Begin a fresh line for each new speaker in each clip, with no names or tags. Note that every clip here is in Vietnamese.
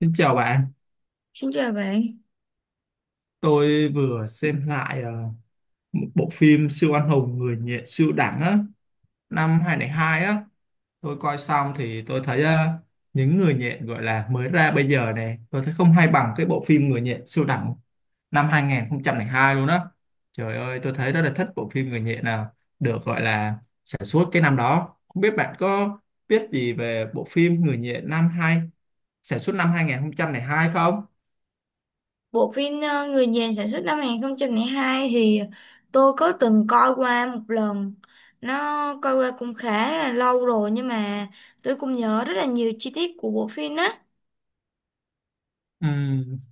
Xin chào bạn,
Xin chào bạn.
tôi vừa xem lại một bộ phim siêu anh hùng người nhện siêu đẳng á, năm 2002 á. Tôi coi xong thì tôi thấy những người nhện gọi là mới ra bây giờ này, tôi thấy không hay bằng cái bộ phim người nhện siêu đẳng năm 2002 luôn á. Trời ơi, tôi thấy rất là thích bộ phim người nhện nào được gọi là sản xuất cái năm đó. Không biết bạn có biết gì về bộ phim người nhện năm hai sản xuất năm 2002 không?
Bộ phim Người Nhện sản xuất năm 2002 thì tôi có từng coi qua một lần. Nó coi qua cũng khá là lâu rồi, nhưng mà tôi cũng nhớ rất là nhiều chi tiết của bộ phim á.
Ừ,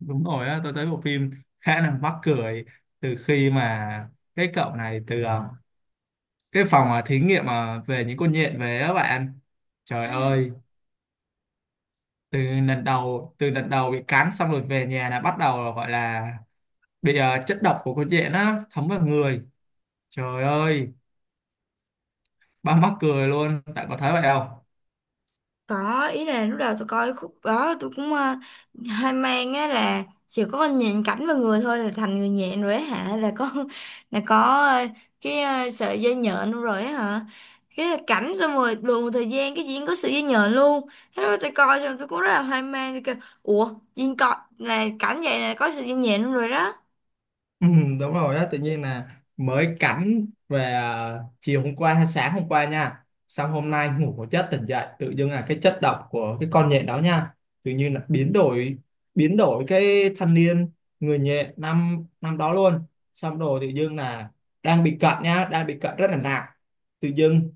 đúng rồi á, tôi thấy bộ phim khá là mắc cười từ khi mà cái cậu này từ cái phòng thí nghiệm về những con nhện về á bạn, trời
Ừ.
ơi, từ từ lần đầu bị cắn xong rồi về nhà là bắt đầu là gọi là bị chất độc của con nhện á thấm vào người, trời ơi, ba mắc cười luôn, bạn có thấy vậy không?
Có, ý là lúc đầu tôi coi cái khúc đó tôi cũng hơi mang á là chỉ có con nhìn cảnh vào người thôi là thành người nhện rồi á hả, là có là có ờ, cái sợi dây nhện luôn rồi á hả, cái là cảnh xong rồi đùa một thời gian cái diễn có sợi dây nhện luôn. Thế lúc đó tôi coi xong tôi cũng rất là hoang mang, tôi kêu ủa diễn coi là cảnh vậy là có sợi dây nhện luôn rồi đó.
Ừ, đúng rồi á, tự nhiên là mới cắm về, à, chiều hôm qua hay sáng hôm qua nha, xong hôm nay ngủ một giấc tỉnh dậy tự dưng là cái chất độc của cái con nhện đó nha tự nhiên là biến đổi, biến đổi cái thanh niên người nhện năm năm đó luôn. Xong rồi tự dưng là đang bị cận nha, đang bị cận rất là nặng, tự dưng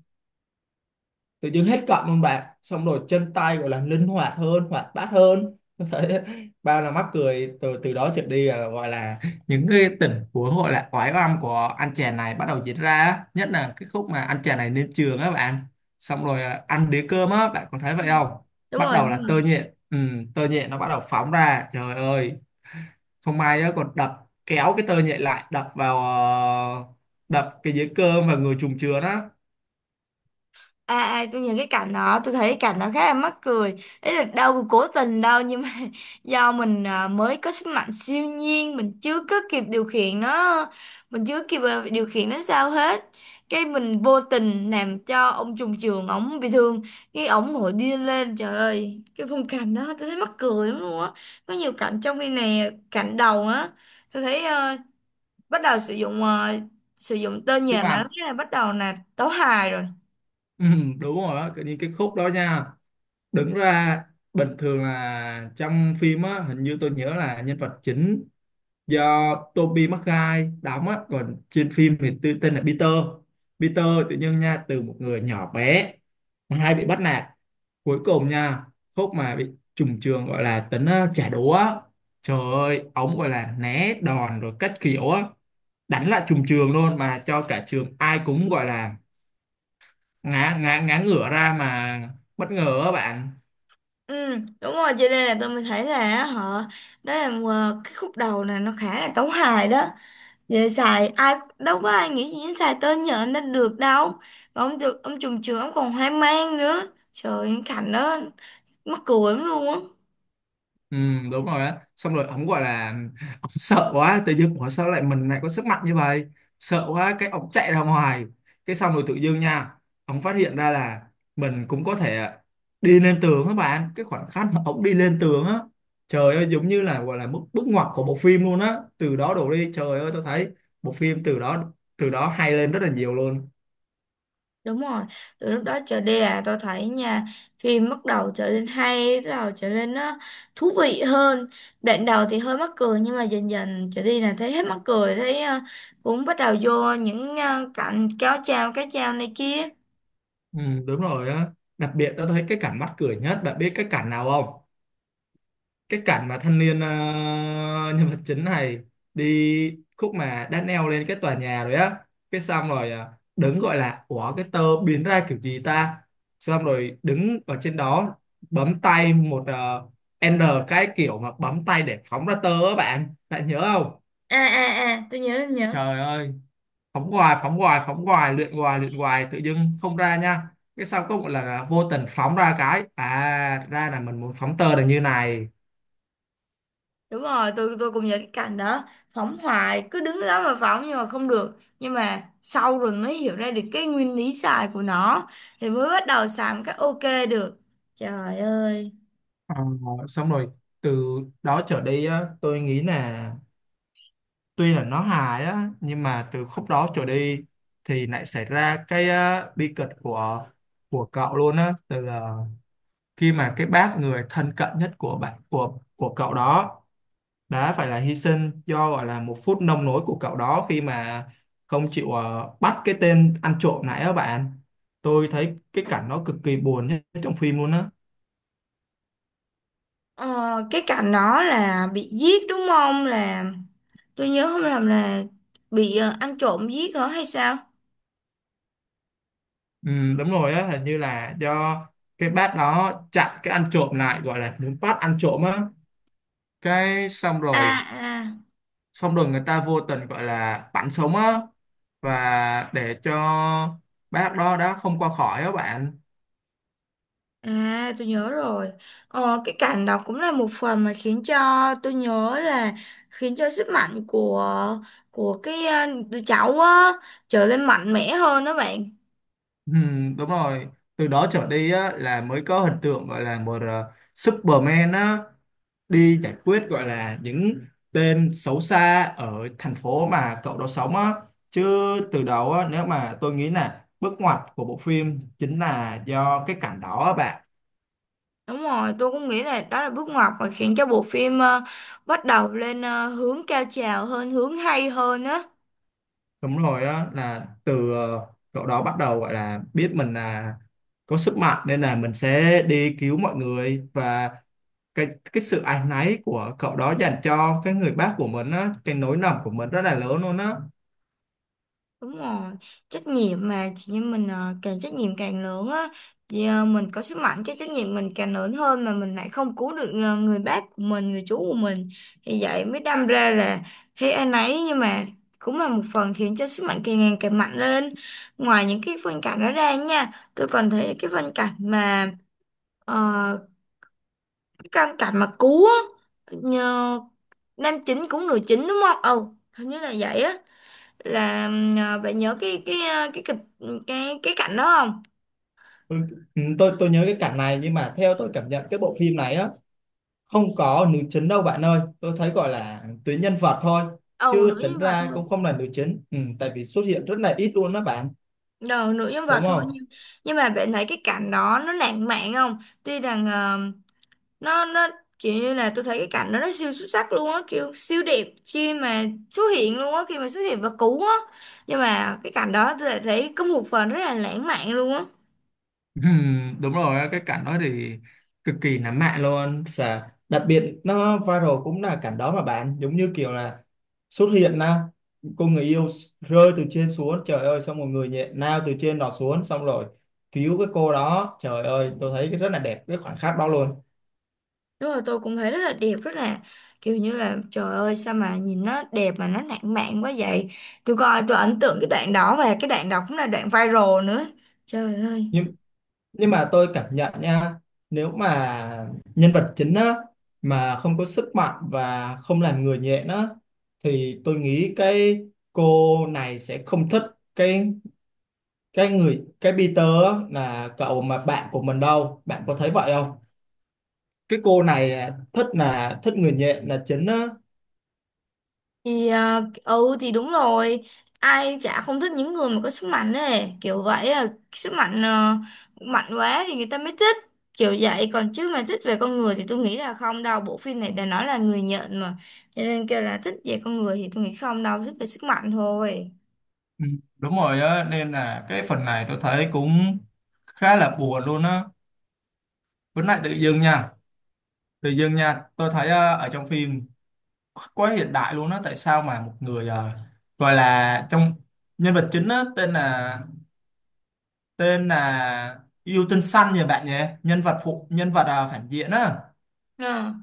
tự dưng hết cận luôn bạn, xong rồi chân tay gọi là linh hoạt hơn, hoạt bát hơn. Tôi thấy bao là mắc cười. Từ từ đó trở đi là gọi là những cái tình huống gọi là oái oăm của anh chàng này bắt đầu diễn ra, nhất là cái khúc mà anh chàng này lên trường á bạn, xong rồi ăn đĩa cơm á, bạn có thấy
Ừ.
vậy không?
Đúng
Bắt
rồi,
đầu
đúng
là tơ
rồi.
nhện, ừ, tơ nhện nó bắt đầu phóng ra, trời ơi, không may á còn đập, kéo cái tơ nhện lại đập vào, đập cái dĩa cơm và người trùng chứa đó,
À, tôi nhìn cái cảnh đó, tôi thấy cái cảnh đó khá là mắc cười, ấy là đâu có cố tình đâu, nhưng mà do mình mới có sức mạnh siêu nhiên mình chưa có kịp điều khiển nó, mình chưa kịp điều khiển nó sao hết, cái mình vô tình làm cho ông trùng trường ổng bị thương, cái ổng nổi điên lên, trời ơi cái khung cảnh đó tôi thấy mắc cười lắm luôn á. Có nhiều cảnh trong phim này, cảnh đầu á tôi thấy bắt đầu sử dụng, sử dụng tên
các
nhà nó
bạn.
thế là bắt đầu là tấu hài rồi.
Ừ, đúng rồi á, những cái khúc đó nha, đứng ra bình thường là trong phim á hình như tôi nhớ là nhân vật chính do Tobey Maguire đóng á, còn trên phim thì tên là Peter. Peter tự nhiên nha, từ một người nhỏ bé mà hay bị bắt nạt, cuối cùng nha khúc mà bị trùng trường gọi là tính trả đũa á, trời ơi ống gọi là né đòn rồi cách kiểu á, đánh lại trùng trường luôn mà cho cả trường ai cũng gọi là ngã ngã ngã ngửa ra mà bất ngờ á bạn.
Ừ, đúng rồi, cho nên là tôi mới thấy là á, họ đó là, cái khúc đầu này nó khá là tấu hài đó, về xài ai đâu có ai nghĩ gì đến xài tên nhờ nó được đâu, mà ông được ông trùm trường ông còn hoang mang nữa, trời anh Khánh đó, mắc cười lắm luôn á.
Ừ, đúng rồi á, xong rồi ông gọi là ông sợ quá, tự dưng ủa sao lại mình lại có sức mạnh như vậy, sợ quá cái ông chạy ra ngoài, cái xong rồi tự dưng nha ông phát hiện ra là mình cũng có thể đi lên tường, các bạn cái khoảnh khắc mà ông đi lên tường á, trời ơi, giống như là gọi là bước bước ngoặt của bộ phim luôn á. Từ đó đổ đi, trời ơi, tôi thấy bộ phim từ đó hay lên rất là nhiều luôn.
Đúng rồi, từ lúc đó trở đi là tôi thấy nha, phim bắt đầu trở nên hay, bắt đầu trở nên nó thú vị hơn. Đoạn đầu thì hơi mắc cười nhưng mà dần dần trở đi là thấy hết mắc cười, thấy cũng bắt đầu vô những cảnh kéo chào, cái chào này kia.
Ừ, đúng rồi á, đặc biệt tao thấy cái cảnh mắc cười nhất, bạn biết cái cảnh nào không? Cái cảnh mà thanh niên nhân vật chính này đi khúc mà đã leo lên cái tòa nhà rồi á, cái xong rồi đứng gọi là ủa cái tơ biến ra kiểu gì ta, xong rồi đứng ở trên đó bấm tay một N, cái kiểu mà bấm tay để phóng ra tơ á bạn, bạn nhớ không?
À à à, tôi nhớ tôi nhớ.
Trời ơi, phóng hoài phóng hoài, luyện hoài luyện hoài, tự dưng không ra nha, cái sau có một lần là vô tình phóng ra cái, à ra là mình muốn phóng tơ là như này.
Đúng rồi, tôi cũng nhớ cái cảnh đó, phóng hoài cứ đứng đó mà phóng nhưng mà không được. Nhưng mà sau rồi mới hiểu ra được cái nguyên lý xài của nó thì mới bắt đầu xài một cách ok được. Trời ơi.
Ờ, Xong rồi từ đó trở đi á, tôi nghĩ là tuy là nó hài á nhưng mà từ khúc đó trở đi thì lại xảy ra cái bi kịch của cậu luôn á, từ khi mà cái bác người thân cận nhất của bạn của cậu đó đã phải là hy sinh do gọi là một phút nông nổi của cậu đó, khi mà không chịu bắt cái tên ăn trộm này á bạn, tôi thấy cái cảnh nó cực kỳ buồn nhất trong phim luôn á.
Ờ, cái cảnh đó là bị giết đúng không? Là tôi nhớ không lầm là bị ăn trộm giết hả hay sao?
Ừ, đúng rồi á, hình như là do cái bác đó chặn cái ăn trộm lại gọi là muốn bắt ăn trộm á, cái
À à
xong rồi người ta vô tình gọi là bắn sống á, và để cho bác đó đã không qua khỏi á bạn.
à, tôi nhớ rồi. Ờ, cái cảnh đó cũng là một phần mà khiến cho tôi nhớ là khiến cho sức mạnh của cái đứa cháu á trở nên mạnh mẽ hơn đó bạn.
Ừ, đúng rồi, từ đó trở đi á, là mới có hình tượng gọi là một Superman á, đi giải quyết gọi là những tên xấu xa ở thành phố mà cậu đó sống á, chứ từ đầu á, nếu mà tôi nghĩ là bước ngoặt của bộ phim chính là do cái cảnh đó á bạn.
Đúng rồi, tôi cũng nghĩ là đó là bước ngoặt mà khiến cho bộ phim bắt đầu lên, hướng cao trào hơn, hướng hay hơn á.
Đúng rồi á, là từ cậu đó bắt đầu gọi là biết mình là có sức mạnh nên là mình sẽ đi cứu mọi người, và cái cái sự áy náy của cậu đó dành cho cái người bác của mình á, cái nỗi lầm của mình rất là lớn luôn á.
Đúng rồi, trách nhiệm mà chị em mình càng trách nhiệm càng lớn á thì mình có sức mạnh cái trách nhiệm mình càng lớn hơn, mà mình lại không cứu được người bác của mình, người chú của mình, thì vậy mới đâm ra là thế anh ấy, nhưng mà cũng là một phần khiến cho sức mạnh càng ngày càng mạnh lên. Ngoài những cái phân cảnh đó ra nha, tôi còn thấy cái phân cảnh mà ờ, cái căn cảnh mà cứu á, nhờ nam chính cũng nữ chính đúng không? Ừ, hình như là vậy á, là bạn nhớ cái cái kịch, cái cảnh đó không?
Ừ, ừ, tôi nhớ cái cảnh này nhưng mà theo tôi cảm nhận cái bộ phim này á không có nữ chính đâu bạn ơi, tôi thấy gọi là tuyến nhân vật thôi,
Ồ
chứ
nữ
tính
nhân vật
ra
thôi.
cũng không là nữ chính, ừ, tại vì xuất hiện rất là ít luôn đó bạn,
Đầu nữ nhân vật
đúng
thôi,
không?
nhưng mà bạn thấy cái cảnh đó nó lãng mạn không? Tuy rằng nó kiểu như là tôi thấy cái cảnh đó nó siêu xuất sắc luôn á, kiểu siêu đẹp khi mà xuất hiện luôn á, khi mà xuất hiện và cứu á. Nhưng mà cái cảnh đó tôi lại thấy có một phần rất là lãng mạn luôn á.
Đúng rồi cái cảnh đó thì cực kỳ nắm mạng luôn, và đặc biệt nó viral cũng là cảnh đó mà bạn, giống như kiểu là xuất hiện là cô người yêu rơi từ trên xuống, trời ơi, xong một người nhẹ nào từ trên đó xuống xong rồi cứu cái cô đó, trời ơi tôi thấy cái rất là đẹp cái khoảnh khắc đó luôn.
Đúng rồi, tôi cũng thấy rất là đẹp, rất là kiểu như là trời ơi sao mà nhìn nó đẹp mà nó lãng mạn quá vậy. Tôi coi tôi ấn tượng cái đoạn đó, và cái đoạn đó cũng là đoạn viral nữa. Trời ơi.
Nhưng mà tôi cảm nhận nha, nếu mà nhân vật chính á mà không có sức mạnh và không làm người nhện á, thì tôi nghĩ cái cô này sẽ không thích cái cái người cái Peter á, là cậu mà bạn của mình đâu, bạn có thấy vậy không? Cái cô này là thích người nhện là chính á.
Thì ừ thì đúng rồi, ai chả không thích những người mà có sức mạnh ấy, kiểu vậy sức mạnh, mạnh quá thì người ta mới thích. Kiểu vậy còn chứ mà thích về con người thì tôi nghĩ là không đâu, bộ phim này đã nói là người nhận mà. Cho nên kêu là thích về con người thì tôi nghĩ không đâu, thích về sức mạnh thôi.
Ừ, đúng rồi á, nên là cái phần này tôi thấy cũng khá là buồn luôn á. Với lại tự dưng nha, tự dưng nha tôi thấy ở trong phim quá hiện đại luôn á, tại sao mà một người gọi là trong nhân vật chính á, tên là Yêu Tinh Xanh nhỉ bạn nhỉ, nhân vật phụ, nhân vật phản diện á,
Ờ,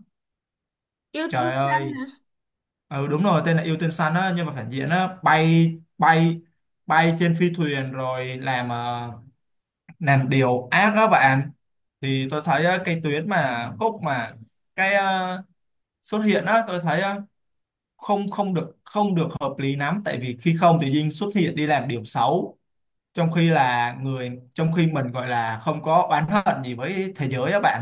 yêu tinh
trời
xanh
ơi,
hả?
ừ đúng rồi tên là Yêu Tinh Xanh á, nhân vật phản diện á, bay bay bay trên phi thuyền rồi làm làm điều ác đó bạn. Thì tôi thấy cái tuyến mà khúc mà cái xuất hiện á, tôi thấy không không được không được hợp lý lắm, tại vì khi không thì Dinh xuất hiện đi làm điều xấu, trong khi mình gọi là không có oán hận gì với thế giới á bạn.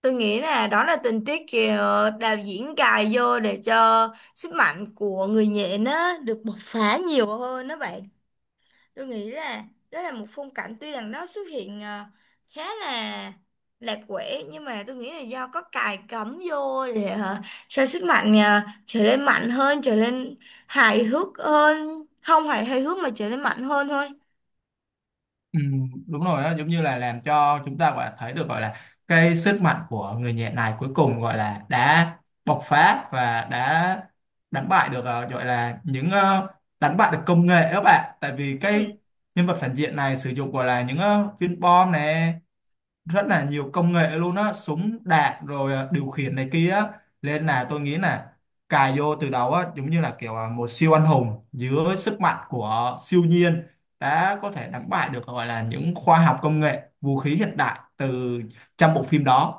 Tôi nghĩ là đó là tình tiết kìa đạo diễn cài vô để cho sức mạnh của người nhện á được bộc phá nhiều hơn đó bạn. Tôi nghĩ là đó là một phong cảnh tuy rằng nó xuất hiện khá là lạc quẻ, nhưng mà tôi nghĩ là do có cài cắm vô để cho sức mạnh trở nên mạnh hơn, trở nên hài hước hơn, không phải hài hước mà trở nên mạnh hơn thôi.
Ừ, đúng rồi đó, giống như là làm cho chúng ta gọi là thấy được gọi là cái sức mạnh của người nhẹ này cuối cùng gọi là đã bộc phá và đã đánh bại được, gọi là những đánh bại được công nghệ các bạn, tại vì
Ừ.
cái nhân vật phản diện này sử dụng gọi là những viên bom này rất là nhiều công nghệ luôn á, súng đạn rồi, điều khiển này kia á. Nên là tôi nghĩ là cài vô từ đầu á, giống như là kiểu một siêu anh hùng dưới sức mạnh của siêu nhiên đã có thể đánh bại được gọi là những khoa học công nghệ vũ khí hiện đại từ trong bộ phim đó.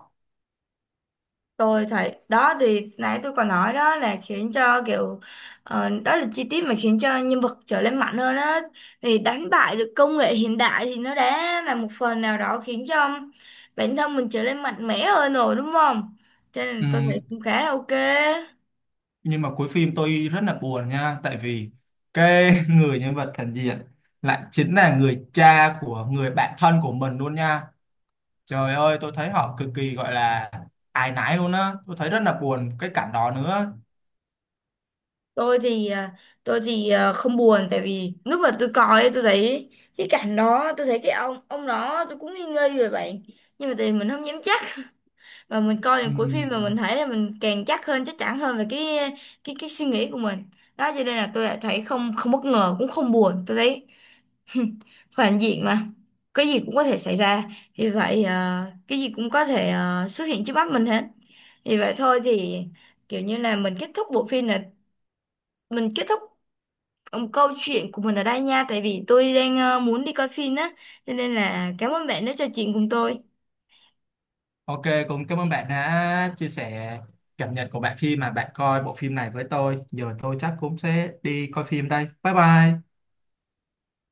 Tôi thấy đó thì nãy tôi còn nói đó là khiến cho kiểu, đó là chi tiết mà khiến cho nhân vật trở nên mạnh hơn á, thì đánh bại được công nghệ hiện đại thì nó đã là một phần nào đó khiến cho bản thân mình trở nên mạnh mẽ hơn rồi, đúng không? Cho nên tôi thấy
Ừm,
cũng khá là ok.
nhưng mà cuối phim tôi rất là buồn nha, tại vì cái người nhân vật phản diện lại chính là người cha của người bạn thân của mình luôn nha. Trời ơi, tôi thấy họ cực kỳ gọi là áy náy luôn á. Tôi thấy rất là buồn cái cảnh đó nữa.
Tôi thì ờ, tôi thì không buồn, tại vì lúc mà tôi coi ấy, tôi thấy cái cảnh đó tôi thấy cái ông đó tôi cũng nghi nghi rồi bạn, nhưng mà thì mình không dám chắc, và mình coi đến cuối phim mà
Ừm,
mình thấy là mình càng chắc hơn, chắc chắn hơn về cái cái suy nghĩ của mình đó, cho nên là tôi lại thấy không, không bất ngờ cũng không buồn, tôi thấy phản diện mà, cái gì cũng có thể xảy ra, vì vậy cái gì cũng có thể xuất hiện trước mắt mình hết. Vì vậy thôi thì kiểu như là mình kết thúc bộ phim là mình kết thúc, câu chuyện của mình ở đây nha, tại vì tôi đang muốn đi coi phim á, cho nên là cảm ơn bạn đã trò chuyện cùng tôi.
Ok, cũng cảm ơn bạn đã chia sẻ cảm nhận của bạn khi mà bạn coi bộ phim này với tôi. Giờ tôi chắc cũng sẽ đi coi phim đây. Bye bye.